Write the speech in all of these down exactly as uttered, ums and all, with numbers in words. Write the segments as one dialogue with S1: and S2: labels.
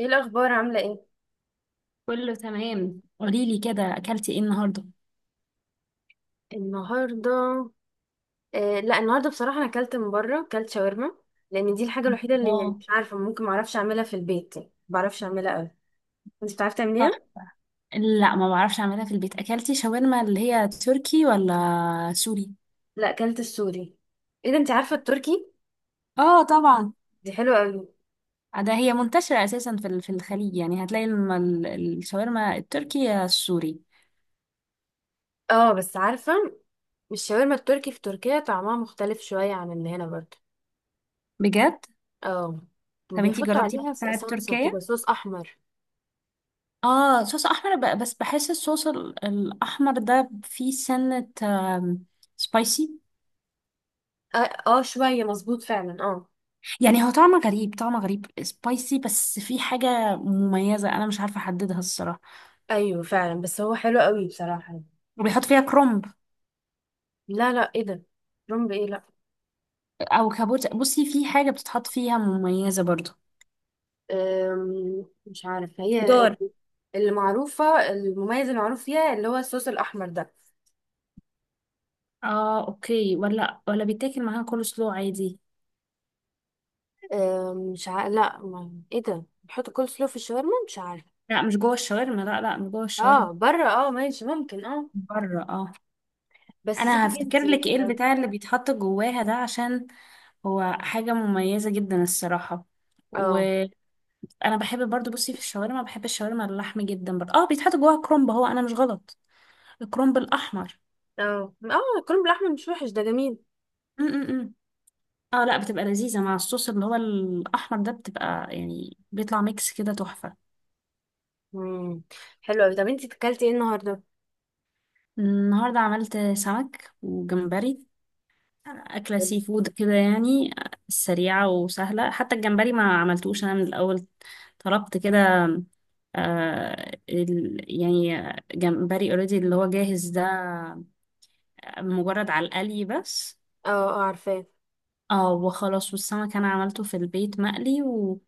S1: ايه الاخبار؟ عامله ايه
S2: كله تمام، قولي لي كده اكلتي ايه النهارده؟
S1: النهارده؟ آه، لا النهارده بصراحه انا اكلت من بره، اكلت شاورما. لان دي الحاجه الوحيده اللي يعني
S2: اه.
S1: مش عارفه ممكن ما اعرفش اعملها في البيت، يعني ما بعرفش اعملها قوي. انت بتعرفي
S2: صح.
S1: تعمليها؟
S2: لا، ما بعرفش اعملها في البيت. اكلتي شاورما اللي هي تركي ولا سوري؟
S1: لا، اكلت السوري. ايه ده؟ انت عارفه التركي؟
S2: اه طبعا.
S1: دي حلوه قوي.
S2: ده هي منتشرة اساسا في ال- في الخليج، يعني هتلاقي الم- ال- الشاورما التركي يا السوري.
S1: اه، بس عارفه. الشاورما التركي في تركيا طعمها مختلف شويه عن اللي هنا برضه.
S2: بجد؟
S1: اه،
S2: طب انتي
S1: وبيحطوا
S2: جربتي
S1: عليها ص-
S2: بتاعة
S1: صلصه كده،
S2: تركيا؟
S1: صوص احمر.
S2: اه، صوص احمر، ب- بس بحس الصوص ال- الاحمر ده فيه سنة، سبايسي.
S1: اه, آه، شويه مظبوط فعلا، اه.
S2: يعني هو طعمه غريب، طعمه غريب سبايسي، بس فيه حاجة مميزة انا مش عارفة احددها الصراحة.
S1: ايوه فعلا، بس هو حلو قوي بصراحه.
S2: وبيحط فيها كرومب
S1: لا لا، ايه ده؟ رمب ايه؟ لا.
S2: او كابوت. بصي، في حاجه بتتحط فيها مميزه برضو.
S1: أم، مش عارف هي
S2: خضار.
S1: اللي معروفة. المميز المعروف فيها اللي هو الصوص الأحمر ده.
S2: اه اوكي. ولا ولا بيتاكل معاها كول سلو عادي؟
S1: أم، مش عارف. لا، ما... ايه ده، بيحطوا كول سلو في الشاورما؟ مش عارف.
S2: لا مش جوه الشاورما، لا لا مش جوه الشاورما،
S1: اه، بره، اه، ماشي، ممكن، اه.
S2: بره. اه.
S1: بس
S2: انا
S1: سيبي
S2: هفتكر
S1: انتي.
S2: لك ايه البتاع اللي بيتحط جواها ده، عشان هو حاجه مميزه جدا الصراحه.
S1: اه
S2: وانا بحب برضو. بصي، في الشاورما بحب الشاورما اللحم جدا برضو. اه بيتحط جواها كرومب، هو انا مش غلط، الكرومب الاحمر.
S1: اه، اه الكرنب بالأحمر مش وحش، ده جميل.
S2: م -م -م. اه لا، بتبقى لذيذة مع الصوص اللي هو الأحمر ده، بتبقى يعني بيطلع ميكس كده تحفة.
S1: مم. حلو أوي. طب انتي اكلتي ايه النهاردة؟
S2: النهاردة عملت سمك وجمبري، أكلة
S1: اه
S2: سي فود كده يعني، سريعة وسهلة. حتى الجمبري ما عملتوش أنا من الأول، طلبت كده. آه ال- يعني جمبري اوريدي اللي هو جاهز ده، مجرد على القلي بس.
S1: اه، عارفاه.
S2: اه وخلاص. والسمك أنا عملته في البيت مقلي و...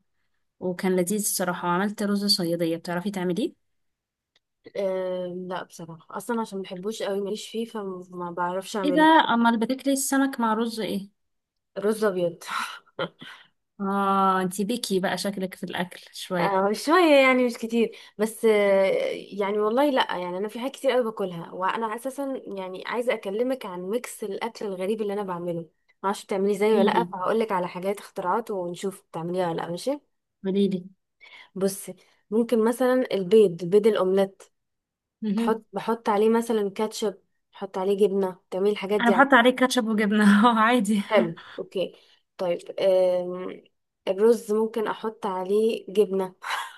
S2: وكان لذيذ الصراحة. وعملت رز صيادية، بتعرفي تعمليه؟
S1: أم، لا، بصراحة أصلا عشان مبحبوش قوي، ماليش فيه فما بعرفش
S2: ايه ده!
S1: أعمله.
S2: امال بتاكلي السمك مع رز ايه؟
S1: رز أبيض.
S2: اه انتي بيكي بقى، شكلك في الاكل شويه.
S1: آه، شوية يعني، مش كتير بس. آه، يعني والله لأ، يعني أنا في حاجات كتير أوي باكلها، وأنا أساسا يعني عايزة أكلمك عن ميكس الأكل الغريب اللي أنا بعمله. معرفش بتعمليه زيي ولا لأ،
S2: قوليلي
S1: فهقولك على حاجات اختراعات ونشوف بتعمليها ولا لأ، ماشي؟
S2: قوليلي.
S1: بصي، ممكن مثلا البيض بيض الأومليت
S2: مهم.
S1: تحط بحط عليه مثلا كاتشب، بحط عليه جبنة، تعملي الحاجات
S2: انا
S1: دي
S2: بحط
S1: عليه.
S2: عليه كاتشب وجبنه عادي.
S1: حلو، أوكي. طيب، آم، الرز ممكن أحط عليه جبنة.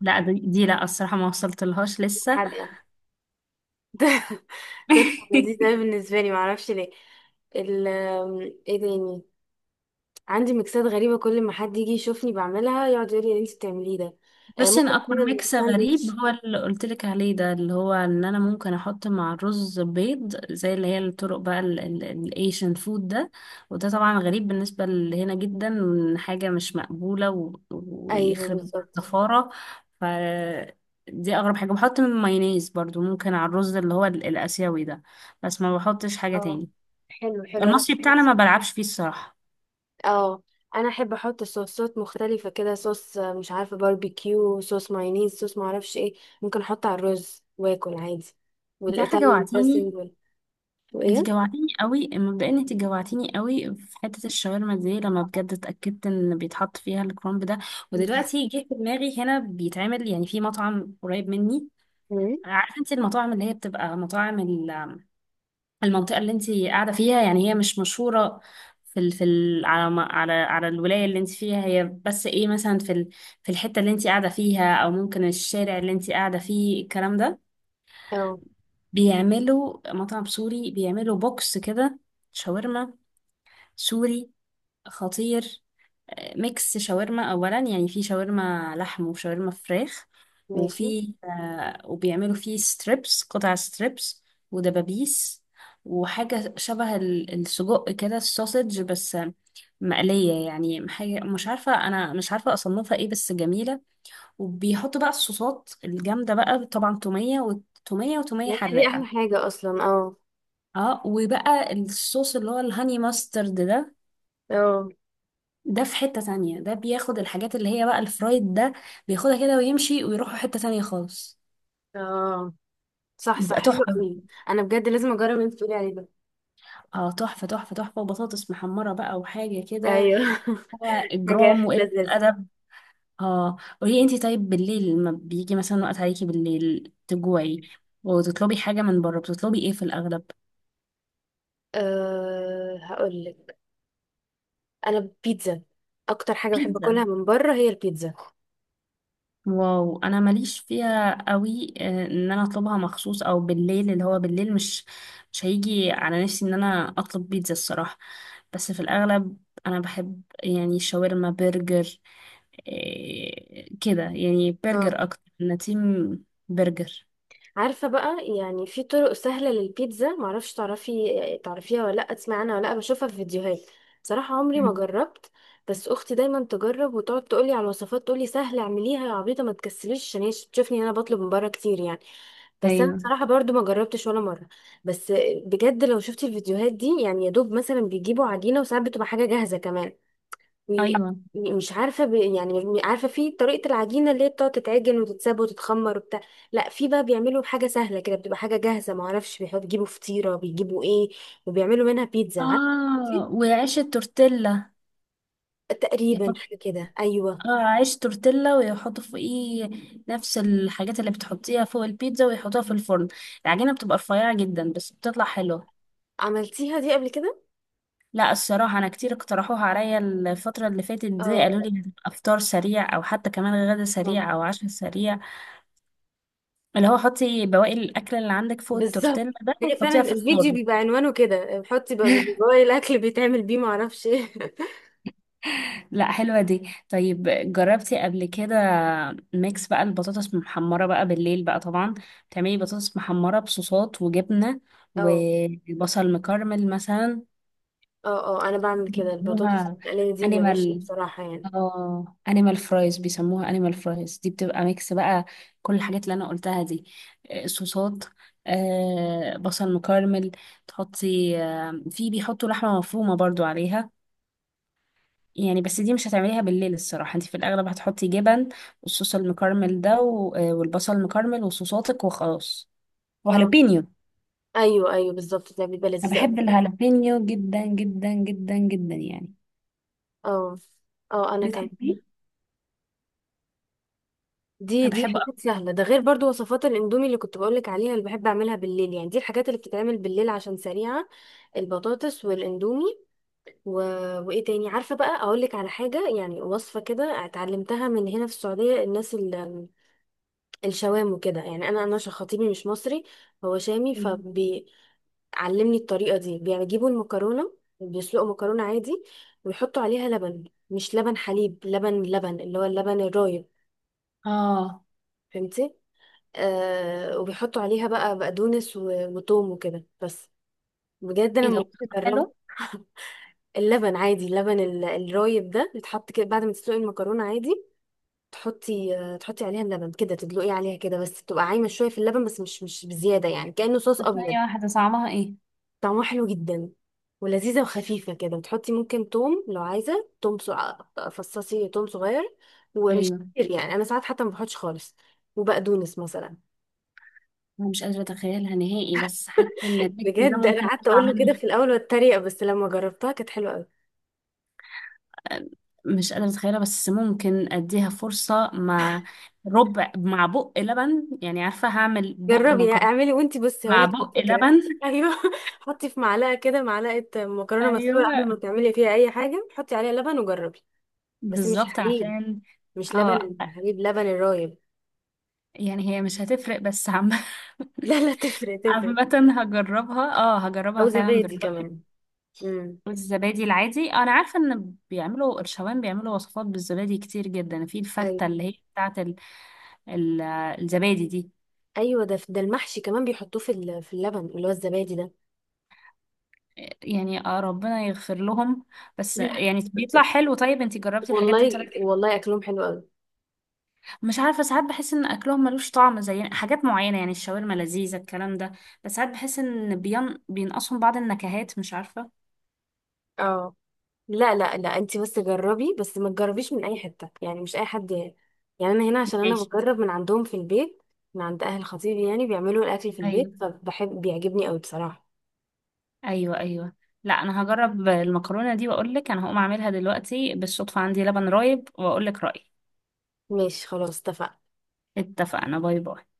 S2: لا، دي, دي لا الصراحه ما وصلت لهاش لسه.
S1: حادقة. ده تطلع لذيذ أوي بالنسبة لي، معرفش ليه. ال ايه تاني؟ عندي ميكسات غريبة، كل ما حد يجي يشوفني بعملها يقعد يقول لي اللي انت بتعمليه ده. آه،
S2: بس
S1: ممكن
S2: انا اكبر
S1: اعمل
S2: ميكس غريب
S1: ساندوتش.
S2: هو اللي قلت لك عليه ده، اللي هو ان انا ممكن احط مع الرز بيض، زي اللي هي الطرق بقى الايشن فود ده. وده طبعا غريب بالنسبه لهنا جدا، حاجه مش مقبوله و-
S1: ايوه،
S2: ويخرب
S1: بالظبط.
S2: الزفاره. ف دي اغرب حاجه. بحط من مايونيز برضو ممكن على الرز اللي هو ال- الاسيوي ده، بس ما بحطش حاجه
S1: اه،
S2: تاني.
S1: حلو حلو، انا.
S2: المصري بتاعنا ما بلعبش فيه الصراحه.
S1: اه، انا احب احط صوصات مختلفة كده، صوص آه، مش عارفة باربيكيو، صوص مايونيز، صوص معرفش ايه. ممكن احطه على الرز واكل عادي.
S2: انت عارفه
S1: والايطاليان
S2: جوعتيني!
S1: دريسنج وال...
S2: انت
S1: وايه.
S2: جوعتيني قوي مبدئيا، انت جوعتيني قوي في حته الشاورما دي لما بجد اتاكدت ان بيتحط فيها الكرنب ده. ودلوقتي جه في دماغي، هنا بيتعمل يعني في مطعم قريب مني.
S1: مم.
S2: عارفه انت المطاعم اللي هي بتبقى مطاعم ال- المنطقه اللي انت قاعده فيها، يعني هي مش مشهوره في ال في ال على ما- على على الولايه اللي انت فيها، هي بس ايه مثلا في ال في الحته اللي انت قاعده فيها او ممكن الشارع اللي انت قاعده فيه الكلام ده.
S1: اه،
S2: بيعملوا مطعم سوري، بيعملوا بوكس كده. شاورما سوري خطير. آه، ميكس شاورما، اولا يعني في شاورما لحم وشاورما فراخ.
S1: ماشي،
S2: وفي آه وبيعملوا فيه ستريبس، قطع ستريبس ودبابيس وحاجة شبه ال- السجق كده، السوسج، بس آه، مقلية، يعني حاجة مش عارفة، أنا مش عارفة أصنفها إيه، بس جميلة. وبيحطوا بقى الصوصات الجامدة بقى طبعا، تومية وتومية وتومية
S1: ما هي دي احلى
S2: حراقة.
S1: حاجه اصلا، اه
S2: اه، وبقى الصوص اللي هو الهاني ماسترد ده،
S1: اه،
S2: ده في حتة تانية، ده بياخد الحاجات اللي هي بقى الفرايد ده، بياخدها كده ويمشي ويروحوا حتة تانية خالص.
S1: اه صح صح،
S2: بيبقى
S1: حلو
S2: تحفة.
S1: قوي. انا بجد لازم اجرب اللي انت بتقولي عليه ده.
S2: اه تحفة تحفة تحفة. وبطاطس محمرة بقى وحاجة كده.
S1: ايوه.
S2: آه،
S1: حاجه
S2: إجرام
S1: اخر
S2: وقلة
S1: لذيذه.
S2: أدب. اه قولي انتي، طيب بالليل لما بيجي مثلا وقت عليكي بالليل تجوعي وتطلبي حاجة من بره، بتطلبي ايه في الأغلب؟
S1: أه، هقول لك. انا بيتزا. اكتر حاجه بحب
S2: بيتزا.
S1: اكلها من بره هي البيتزا.
S2: واو انا ماليش فيها قوي، آه، ان انا اطلبها مخصوص او بالليل، اللي هو بالليل مش مش هيجي على نفسي ان انا اطلب بيتزا الصراحة. بس في الأغلب أنا بحب يعني شاورما برجر، إيه كده، يعني
S1: اه،
S2: برجر أكتر، أنا تيم برجر.
S1: عارفة بقى، يعني في طرق سهلة للبيتزا، معرفش تعرفي تعرفيها ولا لأ، تسمعي عنها ولا لأ، بشوفها في فيديوهات. بصراحة عمري ما
S2: مم.
S1: جربت. بس أختي دايما تجرب وتقعد تقولي على الوصفات، تقولي سهلة، اعمليها يا عبيطة ما تكسليش، عشان هي تشوفني أنا بطلب من بره كتير يعني. بس أنا
S2: أيوه
S1: بصراحة برضو ما جربتش ولا مرة. بس بجد لو شفتي الفيديوهات دي، يعني يا دوب مثلا بيجيبوا عجينة، وساعات بتبقى حاجة جاهزة كمان.
S2: أيوه.
S1: ومش عارفه ب... يعني م- عارفه في طريقه العجينه اللي هي بتقعد تتعجن وتتساب وتتخمر وبتاع. لا، في بقى بيعملوا حاجه سهله كده، بتبقى حاجه جاهزه، ما اعرفش بيحط- بيجيبوا فطيره، بيجيبوا ايه، وبيعملوا منها بيتزا، عارفه؟
S2: آه
S1: دي
S2: وعيش التورتيلا.
S1: تقريبا
S2: يحط،
S1: حاجه كده، ايوه.
S2: آه عيش تورتيلا، ويحطوا فوقيه نفس الحاجات اللي بتحطيها فوق البيتزا ويحطوها في الفرن. العجينة بتبقى رفيعة جدا بس بتطلع حلوة.
S1: عملتيها دي قبل كده؟
S2: لا الصراحة، أنا كتير اقترحوها عليا الفترة اللي فاتت دي، قالوا
S1: اه،
S2: لي هتبقى فطار سريع أو حتى كمان غدا سريع
S1: طبعاً.
S2: أو عشاء سريع، اللي هو حطي بواقي الأكل اللي عندك فوق التورتيلا
S1: بالظبط،
S2: ده
S1: هي
S2: وحطيها
S1: فعلا
S2: في
S1: الفيديو
S2: الفرن.
S1: بيبقى عنوانه كده، بحطي بقى جوه الاكل بيتعمل بيه، ما اعرفش ايه.
S2: لا حلوة دي. طيب جربتي قبل كده ميكس بقى البطاطس محمرة بقى بالليل بقى طبعا؟ تعملي بطاطس محمرة بصوصات وجبنة
S1: اه
S2: وبصل مكرمل مثلا.
S1: اه، اه انا بعمل كده، البطاطس
S2: بيسموها
S1: المقليه دي بعيش
S2: انيمال.
S1: بصراحه يعني.
S2: اه انيمال فرايز، بيسموها انيمال فرايز، دي بتبقى ميكس بقى كل الحاجات اللي انا قلتها دي، آه، صوصات، آه، بصل مكرمل، تحطي، آه، في بيحطوا لحمة مفرومة برضو عليها يعني. بس دي مش هتعمليها بالليل الصراحة، انت في الاغلب هتحطي جبن والصوص المكرمل ده و- آه، والبصل المكرمل وصوصاتك وخلاص وهالبينيو.
S1: ايوه ايوه، بالظبط، ده بيبقى
S2: انا
S1: لذيذ قوي.
S2: بحب الهالبينيو جدا جدا جدا جدا، يعني
S1: اه اه، انا كمان.
S2: بتحبيه؟
S1: دي
S2: انا
S1: دي
S2: بحبه أكتر.
S1: حاجات سهله، ده غير برضو وصفات الاندومي اللي كنت بقولك عليها، اللي بحب اعملها بالليل، يعني دي الحاجات اللي بتتعمل بالليل عشان سريعه. البطاطس والاندومي و... وايه تاني؟ عارفه بقى، اقولك على حاجه يعني وصفه كده، اتعلمتها من هنا في السعوديه، الناس ال... الشوام وكده، يعني انا انا عشان خطيبي مش مصري، هو شامي
S2: ايوه.
S1: فبي علمني الطريقة دي. بيجيبوا المكرونة، بيسلقوا مكرونة عادي، ويحطوا عليها لبن. مش لبن حليب، لبن لبن اللي هو اللبن الرايب.
S2: اه.
S1: فهمتي؟ آه، وبيحطوا عليها بقى بقدونس و- وتوم وكده بس. بجد انا
S2: ايه ده؟
S1: لما كنت جربت.
S2: حلو.
S1: اللبن عادي، اللبن ال- الرايب ده بيتحط كده بعد ما تسلقي المكرونة عادي، تحطي آه، تحطي عليها اللبن كده، تدلقي عليها كده بس، بتبقى عايمة شوية في اللبن، بس مش مش بزيادة، يعني كأنه صوص
S2: طب
S1: أبيض.
S2: ثانية واحدة صعبها ايه؟
S1: طعمها حلو جدا، ولذيذة وخفيفة كده. بتحطي ممكن توم لو عايزة، توم سو... فصصي توم صغير، ومش
S2: ايوه.
S1: كتير يعني، أنا ساعات حتى ما بحطش خالص. وبقدونس مثلا.
S2: انا مش قادره اتخيلها نهائي، بس حاسه ان النكت ده
S1: بجد أنا
S2: ممكن
S1: قعدت
S2: اطلع
S1: أقول له كده
S2: منه.
S1: في الأول واتريق، بس لما جربتها كانت حلوة أوي.
S2: أه، مش قادره اتخيلها، بس ممكن اديها فرصه مع ربع، مع بق لبن، يعني عارفه هعمل بق
S1: جربي يعني،
S2: مكرونه
S1: اعملي وأنتي بصي
S2: مع
S1: هقولك
S2: بق
S1: الفكرة.
S2: لبن.
S1: أيوه. حطي في معلقة كده، معلقة مكرونة مسلوقة قبل ما
S2: ايوه
S1: تعملي فيها أي حاجة، حطي عليها لبن وجربي. بس مش
S2: بالظبط
S1: حليب،
S2: عشان
S1: مش لبن.
S2: اه.
S1: الحليب لبن الرايب.
S2: يعني هي مش هتفرق بس عم
S1: لا لا، تفرق تفرق.
S2: عامة هجربها، اه هجربها
S1: أو
S2: فعلا
S1: زبادي
S2: بالرأي.
S1: كمان. مم.
S2: رز الزبادي العادي، انا عارفه ان بيعملوا الشوام، بيعملوا وصفات بالزبادي كتير جدا في الفته
S1: ايوه
S2: اللي هي بتاعه ال... ال... الزبادي دي.
S1: ايوه، ده ده المحشي كمان بيحطوه في ال- في اللبن اللي هو الزبادي ده.
S2: يعني آه ربنا يغفر لهم، بس يعني بيطلع حلو. طيب انتي جربتي الحاجات دي
S1: والله
S2: طلعت حلو؟
S1: والله، اكلهم حلو قوي.
S2: مش عارفه، ساعات بحس ان اكلهم ملوش طعم زي حاجات معينه، يعني الشاورما لذيذه الكلام ده، بس ساعات بحس ان بين... بينقصهم بعض النكهات، مش عارفه.
S1: اه، لا لا لا، انت بس جربي، بس ما تجربيش من اي حته يعني، مش اي حد. يعني انا هنا عشان انا
S2: ماشي.
S1: بجرب من عندهم في البيت، من عند اهل خطيبي، يعني بيعملوا الاكل في البيت،
S2: ايوه
S1: فبحب بيعجبني قوي بصراحه.
S2: ايوه ايوه. لا انا هجرب المكرونه دي واقول لك. انا هقوم اعملها دلوقتي بالصدفه، عندي لبن رايب، واقول لك رايي.
S1: ماشي، خلاص، اتفقنا.
S2: اتفقنا، باي باي.